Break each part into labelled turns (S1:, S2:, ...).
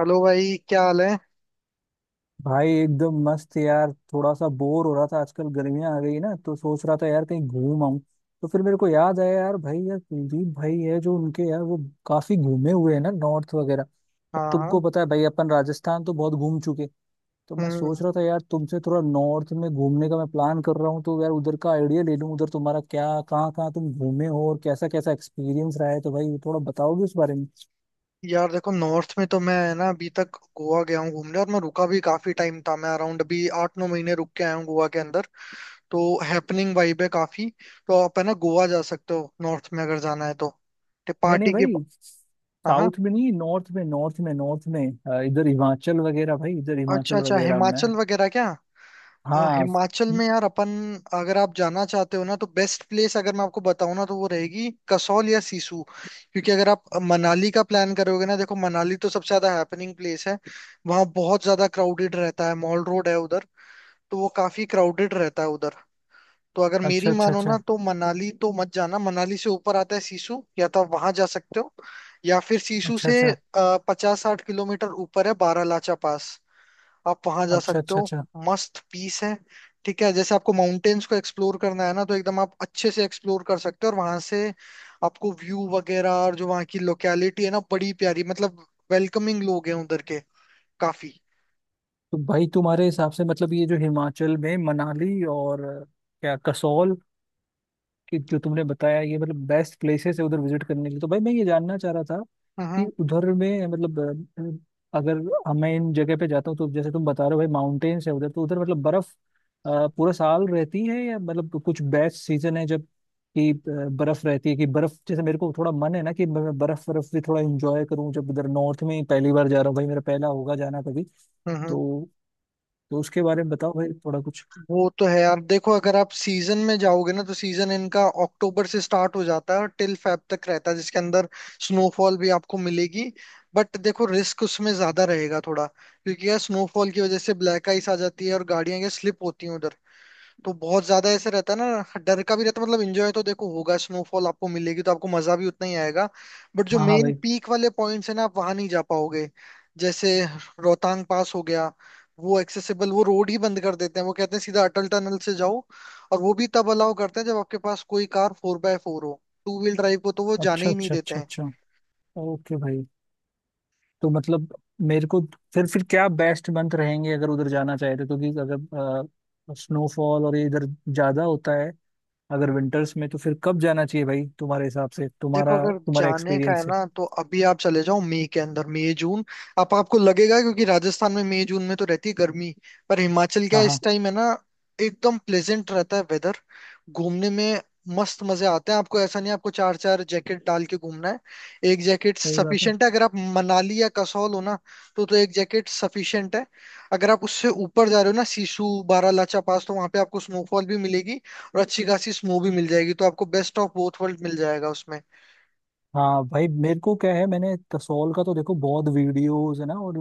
S1: Hello भाई, क्या हाल है।
S2: भाई एकदम मस्त यार, थोड़ा सा बोर हो रहा था। आजकल गर्मियां आ गई ना, तो सोच रहा था यार कहीं घूम आऊं। तो फिर मेरे को याद आया यार, भाई यार कुलदीप भाई है जो, उनके यार वो काफी घूमे हुए हैं ना, नॉर्थ वगैरह। अब तुमको
S1: हाँ।
S2: पता है भाई, अपन राजस्थान तो बहुत घूम चुके। तो मैं सोच
S1: हम्म।
S2: रहा था यार तुमसे, थोड़ा नॉर्थ में घूमने का मैं प्लान कर रहा हूँ, तो यार उधर का आइडिया ले लूँ। उधर तुम्हारा क्या, कहाँ कहाँ तुम घूमे हो और कैसा कैसा एक्सपीरियंस रहा है, तो भाई थोड़ा बताओगे उस बारे में?
S1: यार देखो, नॉर्थ में तो मैं ना अभी तक गोवा गया हूँ घूमने, और मैं रुका भी काफी टाइम था। मैं अराउंड अभी 8 9 महीने रुक के आया हूँ गोवा के अंदर। तो हैपनिंग वाइब है काफी। तो आप है ना गोवा जा सकते हो नॉर्थ में अगर जाना है तो। ते
S2: नहीं नहीं
S1: पार्टी की।
S2: भाई।
S1: हाँ, हाँ।
S2: साउथ में नहीं, नॉर्थ में, नॉर्थ में, नॉर्थ में। इधर हिमाचल वगैरह भाई, इधर
S1: अच्छा
S2: हिमाचल
S1: अच्छा,
S2: वगैरह में।
S1: हिमाचल वगैरह क्या।
S2: हाँ।
S1: हिमाचल में यार अपन, अगर आप जाना चाहते हो ना तो बेस्ट प्लेस अगर मैं आपको बताऊं ना तो वो रहेगी कसौल या सिसु। क्योंकि अगर आप मनाली का प्लान करोगे ना, देखो मनाली तो सबसे ज्यादा हैपनिंग प्लेस है। वहाँ बहुत ज्यादा क्राउडेड रहता है, मॉल रोड है उधर, तो वो काफी क्राउडेड रहता है उधर। तो अगर मेरी
S2: अच्छा अच्छा
S1: मानो ना
S2: अच्छा
S1: तो मनाली तो मत जाना। मनाली से ऊपर आता है सिसु, या तो आप वहां जा सकते हो, या फिर सिसु
S2: अच्छा।
S1: से
S2: अच्छा
S1: 50 60 किलोमीटर ऊपर है बारालाचा पास, आप वहां जा
S2: अच्छा
S1: सकते
S2: अच्छा
S1: हो।
S2: अच्छा।
S1: मस्त पीस है। ठीक है, जैसे आपको माउंटेन्स को एक्सप्लोर करना है ना, तो एकदम आप अच्छे से एक्सप्लोर कर सकते हो, और वहां से आपको व्यू वगैरह, और जो वहाँ की लोकेलिटी है ना बड़ी प्यारी, मतलब वेलकमिंग लोग हैं उधर के, काफी।
S2: तो भाई तुम्हारे हिसाब से मतलब ये जो हिमाचल में मनाली और क्या कसौल, कि जो तुमने बताया, ये मतलब बेस्ट प्लेसेस है उधर विजिट करने के लिए, तो भाई मैं ये जानना चाह रहा था कि
S1: हम्म,
S2: उधर में मतलब अगर अब मैं इन जगह पे जाता हूँ, तो जैसे तुम बता रहे हो भाई माउंटेन्स है उधर, तो उधर मतलब बर्फ पूरा साल रहती है या मतलब कुछ बेस्ट सीजन है जब कि बर्फ रहती है, कि बर्फ, जैसे मेरे को थोड़ा मन है ना, कि मैं बर्फ बर्फ भी थोड़ा इंजॉय करूँ जब उधर नॉर्थ में पहली बार जा रहा हूँ, भाई मेरा पहला होगा जाना कभी।
S1: हम्म,
S2: तो तो उसके बारे में बताओ भाई थोड़ा कुछ।
S1: वो तो है यार। देखो, अगर आप सीजन में जाओगे ना तो सीजन इनका अक्टूबर से स्टार्ट हो जाता है और टिल फेब तक रहता है, जिसके अंदर स्नोफॉल भी आपको मिलेगी। बट देखो, रिस्क उसमें ज्यादा रहेगा थोड़ा, क्योंकि यार स्नोफॉल की वजह से ब्लैक आइस आ जाती है और गाड़ियां ये स्लिप होती हैं उधर। तो बहुत ज्यादा ऐसे रहता है ना, डर का भी रहता है। मतलब एंजॉय तो देखो होगा, स्नोफॉल आपको मिलेगी तो आपको मजा भी उतना ही आएगा, बट जो
S2: हाँ हाँ
S1: मेन
S2: भाई।
S1: पीक वाले पॉइंट्स है ना, आप वहां नहीं जा पाओगे। जैसे रोहतांग पास हो गया, वो एक्सेसिबल, वो रोड ही बंद कर देते हैं। वो कहते हैं सीधा अटल टनल से जाओ, और वो भी तब अलाउ करते हैं जब आपके पास कोई कार फोर बाय फोर हो। टू व्हील ड्राइव को तो वो जाने
S2: अच्छा
S1: ही नहीं
S2: अच्छा
S1: देते
S2: अच्छा
S1: हैं।
S2: अच्छा। ओके भाई। तो मतलब मेरे को, फिर क्या बेस्ट मंथ रहेंगे अगर उधर जाना चाहे तो? क्योंकि अगर स्नोफॉल और ये इधर ज्यादा होता है अगर विंटर्स में, तो फिर कब जाना चाहिए भाई तुम्हारे हिसाब से,
S1: देखो,
S2: तुम्हारा
S1: अगर
S2: तुम्हारा
S1: जाने का है
S2: एक्सपीरियंस से?
S1: ना तो अभी आप चले जाओ, मई के अंदर, मई जून। आप आपको लगेगा, क्योंकि राजस्थान में मई जून में तो रहती है गर्मी, पर हिमाचल का
S2: हाँ हाँ।
S1: इस टाइम है ना एकदम प्लेजेंट रहता है वेदर, घूमने में मस्त मजे आते हैं। आपको ऐसा नहीं आपको चार चार जैकेट डाल के घूमना है। एक जैकेट
S2: सही बात है।
S1: सफिशिएंट है अगर आप मनाली या कसौल हो ना, तो एक जैकेट सफिशिएंट है। अगर आप उससे ऊपर जा रहे हो ना, सिसु बारालाचा पास, तो वहां पे आपको स्नोफॉल भी मिलेगी, और अच्छी खासी स्नो भी मिल जाएगी, तो आपको बेस्ट ऑफ बोथ वर्ल्ड मिल जाएगा उसमें।
S2: हाँ भाई मेरे को क्या है, मैंने कसौल का तो देखो बहुत वीडियोस है ना, और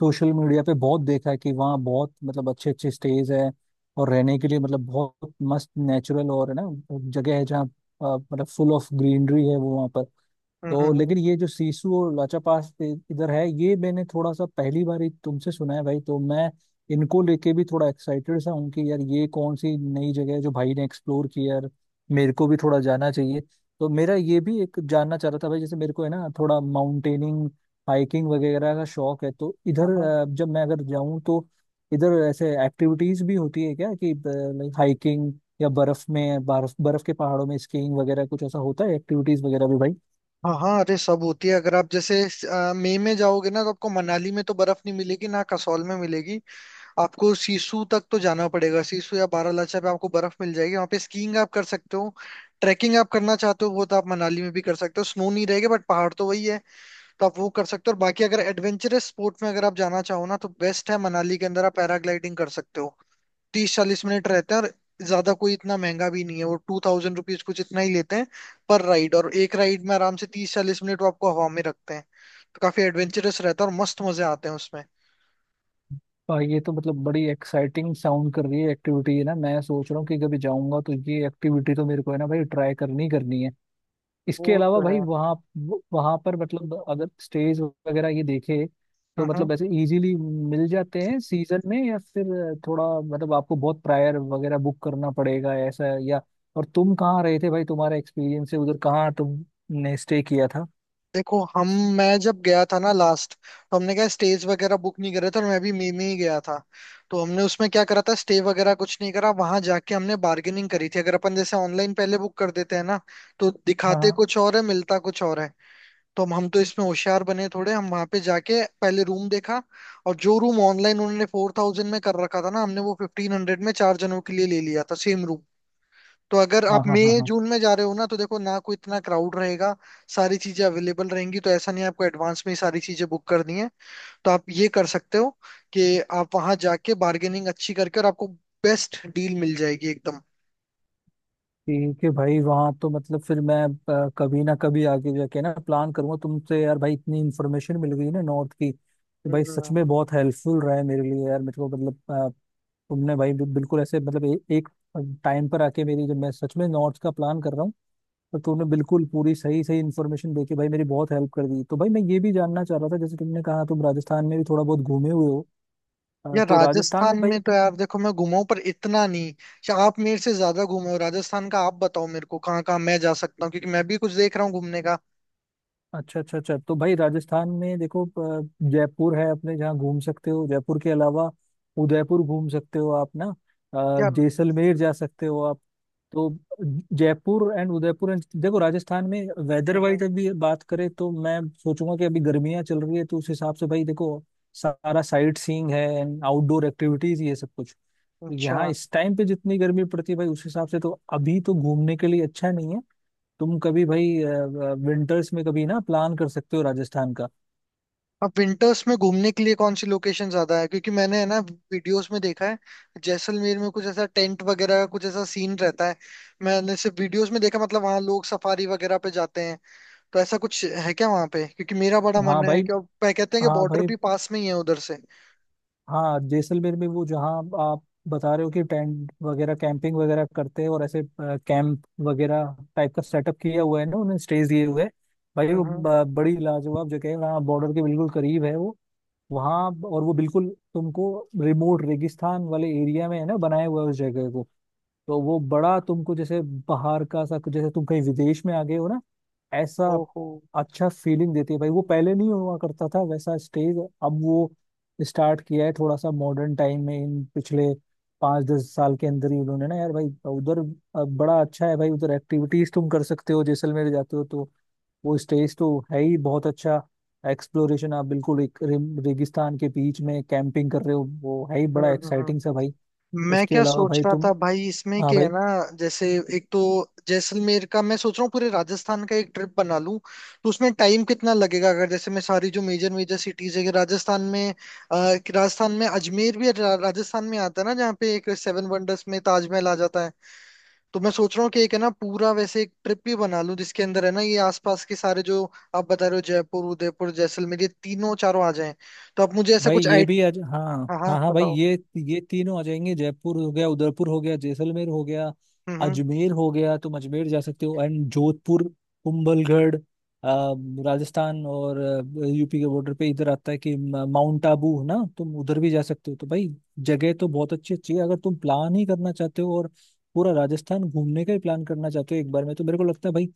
S2: सोशल मीडिया पे बहुत देखा है कि वहाँ बहुत मतलब अच्छे अच्छे स्टेज है और रहने के लिए मतलब बहुत मस्त नेचुरल और है ना जगह है, जहाँ मतलब फुल ऑफ ग्रीनरी है वो वहाँ पर।
S1: हम्म,
S2: तो
S1: हम्म।
S2: लेकिन ये जो सीसू और लाचापास इधर है, ये मैंने थोड़ा सा पहली बार ही तुमसे सुना है भाई, तो मैं इनको लेके भी थोड़ा एक्साइटेड सा हूँ कि यार ये कौन सी नई जगह है जो भाई ने एक्सप्लोर की, यार मेरे को भी थोड़ा जाना चाहिए। तो मेरा ये भी एक जानना चाह रहा था भाई, जैसे मेरे को है ना थोड़ा माउंटेनिंग हाइकिंग वगैरह का शौक है, तो
S1: हाँ,
S2: इधर
S1: हाँ,
S2: जब मैं अगर जाऊँ तो इधर ऐसे एक्टिविटीज भी होती है क्या कि लाइक हाइकिंग, या बर्फ में, बर्फ बर्फ के पहाड़ों में स्कीइंग वगैरह, कुछ ऐसा होता है एक्टिविटीज वगैरह भी भाई?
S1: हाँ, हाँ, अरे सब होती है। अगर आप जैसे मई में जाओगे ना तो आपको मनाली में तो बर्फ नहीं मिलेगी ना, कसौल में मिलेगी। आपको सीसू तक तो जाना पड़ेगा। सीसू या बारालाचा पे आपको बर्फ मिल जाएगी, वहाँ पे स्कीइंग आप कर सकते हो। ट्रैकिंग आप करना चाहते हो वो तो आप मनाली में भी कर सकते हो, स्नो नहीं रहेगा बट पहाड़ तो वही है, तो आप वो कर सकते हो। और बाकी अगर एडवेंचरस स्पोर्ट में अगर आप जाना चाहो ना तो बेस्ट है, मनाली के अंदर आप पैराग्लाइडिंग कर सकते हो। 30 40 मिनट रहते हैं, और ज्यादा कोई इतना महंगा भी नहीं है, वो 2000 रुपीज कुछ इतना ही लेते हैं पर राइड। और एक राइड में आराम से 30 40 मिनट वो आपको हवा में रखते हैं, तो काफी एडवेंचरस रहता है और मस्त मजे आते हैं उसमें।
S2: ये तो मतलब बड़ी एक्साइटिंग साउंड कर रही है एक्टिविटी है ना, मैं सोच रहा हूँ कि कभी जाऊंगा तो ये एक्टिविटी तो मेरे को है ना भाई ट्राई करनी ही करनी है।
S1: वो
S2: इसके अलावा
S1: तो
S2: भाई
S1: है।
S2: वहाँ वहाँ पर मतलब अगर स्टेज वगैरह ये देखे, तो
S1: हम्म।
S2: मतलब ऐसे इजीली मिल जाते हैं सीजन में, या फिर थोड़ा मतलब आपको बहुत प्रायर वगैरह बुक करना पड़ेगा ऐसा, या और तुम कहाँ रहे थे भाई, तुम्हारा एक्सपीरियंस है उधर, कहाँ तुमने स्टे किया था?
S1: देखो, हम मैं जब गया था ना लास्ट, तो हमने क्या स्टेज वगैरह बुक नहीं करे थे, और मैं भी मई में ही गया था। तो हमने उसमें क्या करा था, स्टे वगैरह कुछ नहीं करा, वहां जाके हमने बार्गेनिंग करी थी। अगर अपन जैसे ऑनलाइन पहले बुक कर देते हैं ना, तो दिखाते
S2: हाँ
S1: कुछ और है, मिलता कुछ और है। तो हम तो इसमें होशियार बने थोड़े, हम वहां पे जाके पहले रूम देखा। और जो रूम ऑनलाइन उन्होंने 4000 में कर रखा था ना, हमने वो 1500 में चार जनों के लिए ले लिया था, सेम रूम। तो अगर
S2: हाँ
S1: आप
S2: हाँ हाँ
S1: मई
S2: हाँ।
S1: जून में जा रहे हो ना तो देखो ना कोई इतना क्राउड रहेगा, सारी चीजें अवेलेबल रहेंगी। तो ऐसा नहीं है आपको एडवांस में ही सारी चीजें बुक करनी है। तो आप ये कर सकते हो कि आप वहां जाके बार्गेनिंग अच्छी करके, और आपको बेस्ट डील मिल जाएगी एकदम।
S2: ठीक है भाई। वहाँ तो मतलब, फिर मैं कभी ना कभी आगे जाके ना प्लान करूंगा तुमसे यार, भाई इतनी इन्फॉर्मेशन मिल गई ना नॉर्थ की कि भाई सच
S1: हम्म।
S2: में बहुत हेल्पफुल रहा है मेरे लिए यार, मेरे को मतलब तुमने भाई बिल्कुल ऐसे, मतलब एक टाइम पर आके मेरी, जब मैं सच में नॉर्थ का प्लान कर रहा हूँ, तो तुमने बिल्कुल पूरी सही सही इन्फॉर्मेशन दे के भाई मेरी बहुत हेल्प कर दी। तो भाई मैं ये भी जानना चाह रहा था, जैसे तुमने कहा तुम राजस्थान में भी थोड़ा बहुत घूमे हुए हो,
S1: यार,
S2: तो राजस्थान में
S1: राजस्थान
S2: भाई।
S1: में तो यार, देखो मैं घुमा हूं पर इतना नहीं। आप मेरे से ज्यादा घुमे हो राजस्थान का, आप बताओ मेरे को कहाँ कहाँ मैं जा सकता हूँ, क्योंकि मैं भी कुछ देख रहा हूँ घूमने का।
S2: अच्छा अच्छा अच्छा। तो भाई राजस्थान में देखो, अ, जयपुर है अपने जहाँ घूम सकते हो, जयपुर के अलावा उदयपुर घूम सकते हो आप ना,
S1: यार।
S2: जैसलमेर जा सकते हो आप। तो जयपुर एंड उदयपुर देखो, राजस्थान में वेदर
S1: हम्म।
S2: वाइज अभी बात करें तो मैं सोचूंगा कि अभी गर्मियाँ चल रही है, तो उस हिसाब से भाई देखो, सारा साइट सीइंग है एंड आउटडोर एक्टिविटीज, ये सब कुछ
S1: अच्छा,
S2: यहाँ इस टाइम पे जितनी गर्मी पड़ती है भाई, उस हिसाब से तो अभी तो घूमने के लिए अच्छा नहीं है। तुम कभी भाई विंटर्स में कभी ना प्लान कर सकते हो राजस्थान का।
S1: अब विंटर्स में घूमने के लिए कौन सी लोकेशन ज्यादा है, क्योंकि मैंने है ना वीडियोस में देखा है, जैसलमेर में कुछ ऐसा टेंट वगैरह का कुछ ऐसा सीन रहता है। मैंने सिर्फ वीडियोस में देखा, मतलब वहाँ लोग सफारी वगैरह पे जाते हैं। तो ऐसा कुछ है क्या वहाँ पे, क्योंकि मेरा बड़ा मन
S2: हाँ
S1: है,
S2: भाई।
S1: कि अब कहते हैं कि
S2: हाँ
S1: बॉर्डर
S2: भाई।
S1: भी पास में ही है उधर से।
S2: हाँ, जैसलमेर में वो, जहाँ आप बता रहे हो कि टेंट वगैरह कैंपिंग वगैरह करते हैं, और ऐसे कैंप वगैरह टाइप का सेटअप किया हुआ है ना उन्होंने, स्टेज दिए हुए हैं। भाई वो
S1: हम्म।
S2: बड़ी लाजवाब जगह है, वहाँ बॉर्डर के बिल्कुल करीब है वो, वहाँ। और वो बिल्कुल तुमको रिमोट रेगिस्तान वाले एरिया में है ना बनाया हुआ है उस जगह को, तो वो बड़ा तुमको जैसे बाहर का सा, जैसे तुम कहीं विदेश में आ गए हो ना, ऐसा
S1: ओहो।
S2: अच्छा फीलिंग देती है भाई वो। पहले नहीं हुआ करता था वैसा स्टेज, अब वो स्टार्ट किया है थोड़ा सा मॉडर्न टाइम में, इन पिछले 5-10 साल के अंदर ही उन्होंने ना यार भाई उधर। अब बड़ा अच्छा है भाई, उधर एक्टिविटीज तुम कर सकते हो, जैसलमेर जाते हो तो वो स्टेज तो है ही बहुत अच्छा, एक्सप्लोरेशन आप बिल्कुल एक रेगिस्तान के बीच में कैंपिंग कर रहे हो, वो है ही बड़ा
S1: हम्म,
S2: एक्साइटिंग सा भाई।
S1: मैं
S2: उसके
S1: क्या
S2: अलावा
S1: सोच
S2: भाई
S1: रहा
S2: तुम,
S1: था भाई इसमें
S2: हाँ
S1: कि है
S2: भाई।
S1: ना, जैसे एक तो जैसलमेर का, मैं सोच रहा हूँ पूरे राजस्थान का एक ट्रिप बना लूं। तो उसमें टाइम कितना लगेगा, अगर जैसे मैं सारी जो मेजर मेजर सिटीज है कि राजस्थान में अजमेर भी राजस्थान में आता है ना, जहाँ पे एक सेवन वंडर्स में ताजमहल आ जाता है। तो मैं सोच रहा हूँ कि एक है ना पूरा वैसे एक ट्रिप भी बना लूं, जिसके अंदर है ना ये आसपास के सारे, जो आप बता रहे हो जयपुर उदयपुर जैसलमेर, ये तीनों चारों आ जाएं। तो आप मुझे ऐसा
S2: भाई
S1: कुछ
S2: ये
S1: आइट,
S2: भी आज, हाँ
S1: हाँ हाँ
S2: हाँ हाँ भाई
S1: बताओ।
S2: ये तीनों आ जाएंगे, जयपुर हो गया, उदयपुर हो गया, जैसलमेर हो गया,
S1: हम्म, हम्म।
S2: अजमेर हो गया, तुम अजमेर जा सकते हो एंड जोधपुर, कुंभलगढ़, राजस्थान और यूपी के बॉर्डर पे इधर आता है कि माउंट आबू है ना, तुम उधर भी जा सकते हो। तो भाई जगह तो बहुत अच्छी अच्छी है, अगर तुम प्लान ही करना चाहते हो और पूरा राजस्थान घूमने का ही प्लान करना चाहते हो एक बार में, तो मेरे को लगता है भाई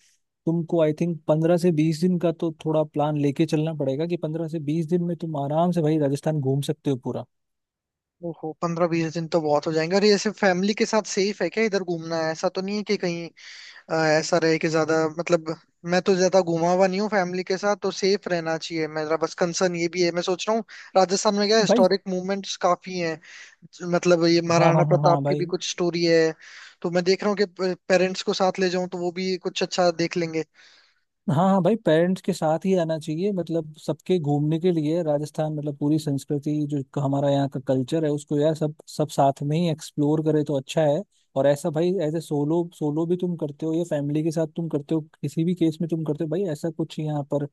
S2: तुमको आई थिंक 15 से 20 दिन का तो थोड़ा प्लान लेके चलना पड़ेगा, कि 15 से 20 दिन में तुम आराम से भाई राजस्थान घूम सकते हो पूरा।
S1: ओहो, 15 20 दिन तो बहुत हो जाएंगे। और ये सिर्फ फैमिली के साथ सेफ है क्या, इधर घूमना, है ऐसा तो नहीं है कि कहीं ऐसा रहे कि ज्यादा मतलब, मैं तो ज्यादा घूमा हुआ नहीं हूँ फैमिली के साथ, तो सेफ रहना चाहिए, मेरा बस कंसर्न ये भी है। मैं सोच रहा हूँ राजस्थान में क्या
S2: भाई,
S1: हिस्टोरिक मूवमेंट्स काफी हैं, मतलब ये
S2: हाँ
S1: महाराणा
S2: हाँ हाँ हाँ
S1: प्रताप की भी
S2: भाई।
S1: कुछ स्टोरी है। तो मैं देख रहा हूँ कि पेरेंट्स को साथ ले जाऊं तो वो भी कुछ अच्छा देख लेंगे।
S2: हाँ हाँ भाई, पेरेंट्स के साथ ही आना चाहिए, मतलब सबके घूमने के लिए राजस्थान, मतलब पूरी संस्कृति जो, हमारा यहाँ का कल्चर है उसको यार सब सब साथ में ही एक्सप्लोर करे तो अच्छा है। और ऐसा भाई, एज ए सोलो, सोलो भी तुम करते हो या फैमिली के साथ तुम करते हो, किसी भी केस में तुम करते हो भाई ऐसा कुछ यहाँ पर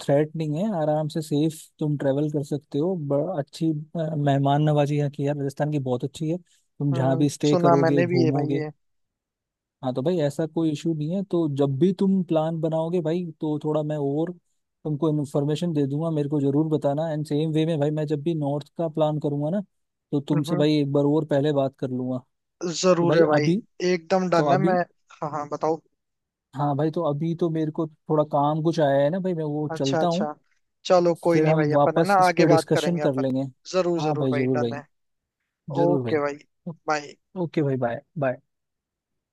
S2: थ्रेट नहीं है, आराम से सेफ तुम ट्रेवल कर सकते हो, बड़ा अच्छी मेहमान नवाजी यहाँ की है, राजस्थान की बहुत अच्छी है, तुम जहाँ भी स्टे
S1: सुना
S2: करोगे
S1: मैंने भी है भाई
S2: घूमोगे।
S1: ये।
S2: हाँ, तो भाई ऐसा कोई इशू नहीं है, तो जब भी तुम प्लान बनाओगे भाई तो थोड़ा मैं और तुमको इन्फॉर्मेशन दे दूंगा, मेरे को जरूर बताना, एंड सेम वे में भाई मैं जब भी नॉर्थ का प्लान करूंगा ना, तो तुमसे
S1: हम्म,
S2: भाई एक बार और पहले बात कर लूंगा। तो
S1: जरूर
S2: भाई
S1: है भाई।
S2: अभी,
S1: एकदम
S2: तो
S1: डन है
S2: अभी,
S1: मैं। हाँ, हाँ, बताओ।
S2: हाँ भाई, तो अभी तो मेरे को थोड़ा काम कुछ आया है ना भाई, मैं वो
S1: अच्छा
S2: चलता
S1: अच्छा।
S2: हूँ।
S1: चलो कोई
S2: फिर
S1: नहीं
S2: हम
S1: भाई, अपन है ना
S2: वापस इस
S1: आगे
S2: पर
S1: बात
S2: डिस्कशन
S1: करेंगे
S2: कर
S1: अपन।
S2: लेंगे।
S1: जरूर
S2: हाँ
S1: जरूर
S2: भाई
S1: भाई,
S2: जरूर
S1: डन
S2: भाई,
S1: है।
S2: जरूर
S1: ओके
S2: भाई,
S1: भाई, बाय।
S2: ओके भाई, बाय बाय।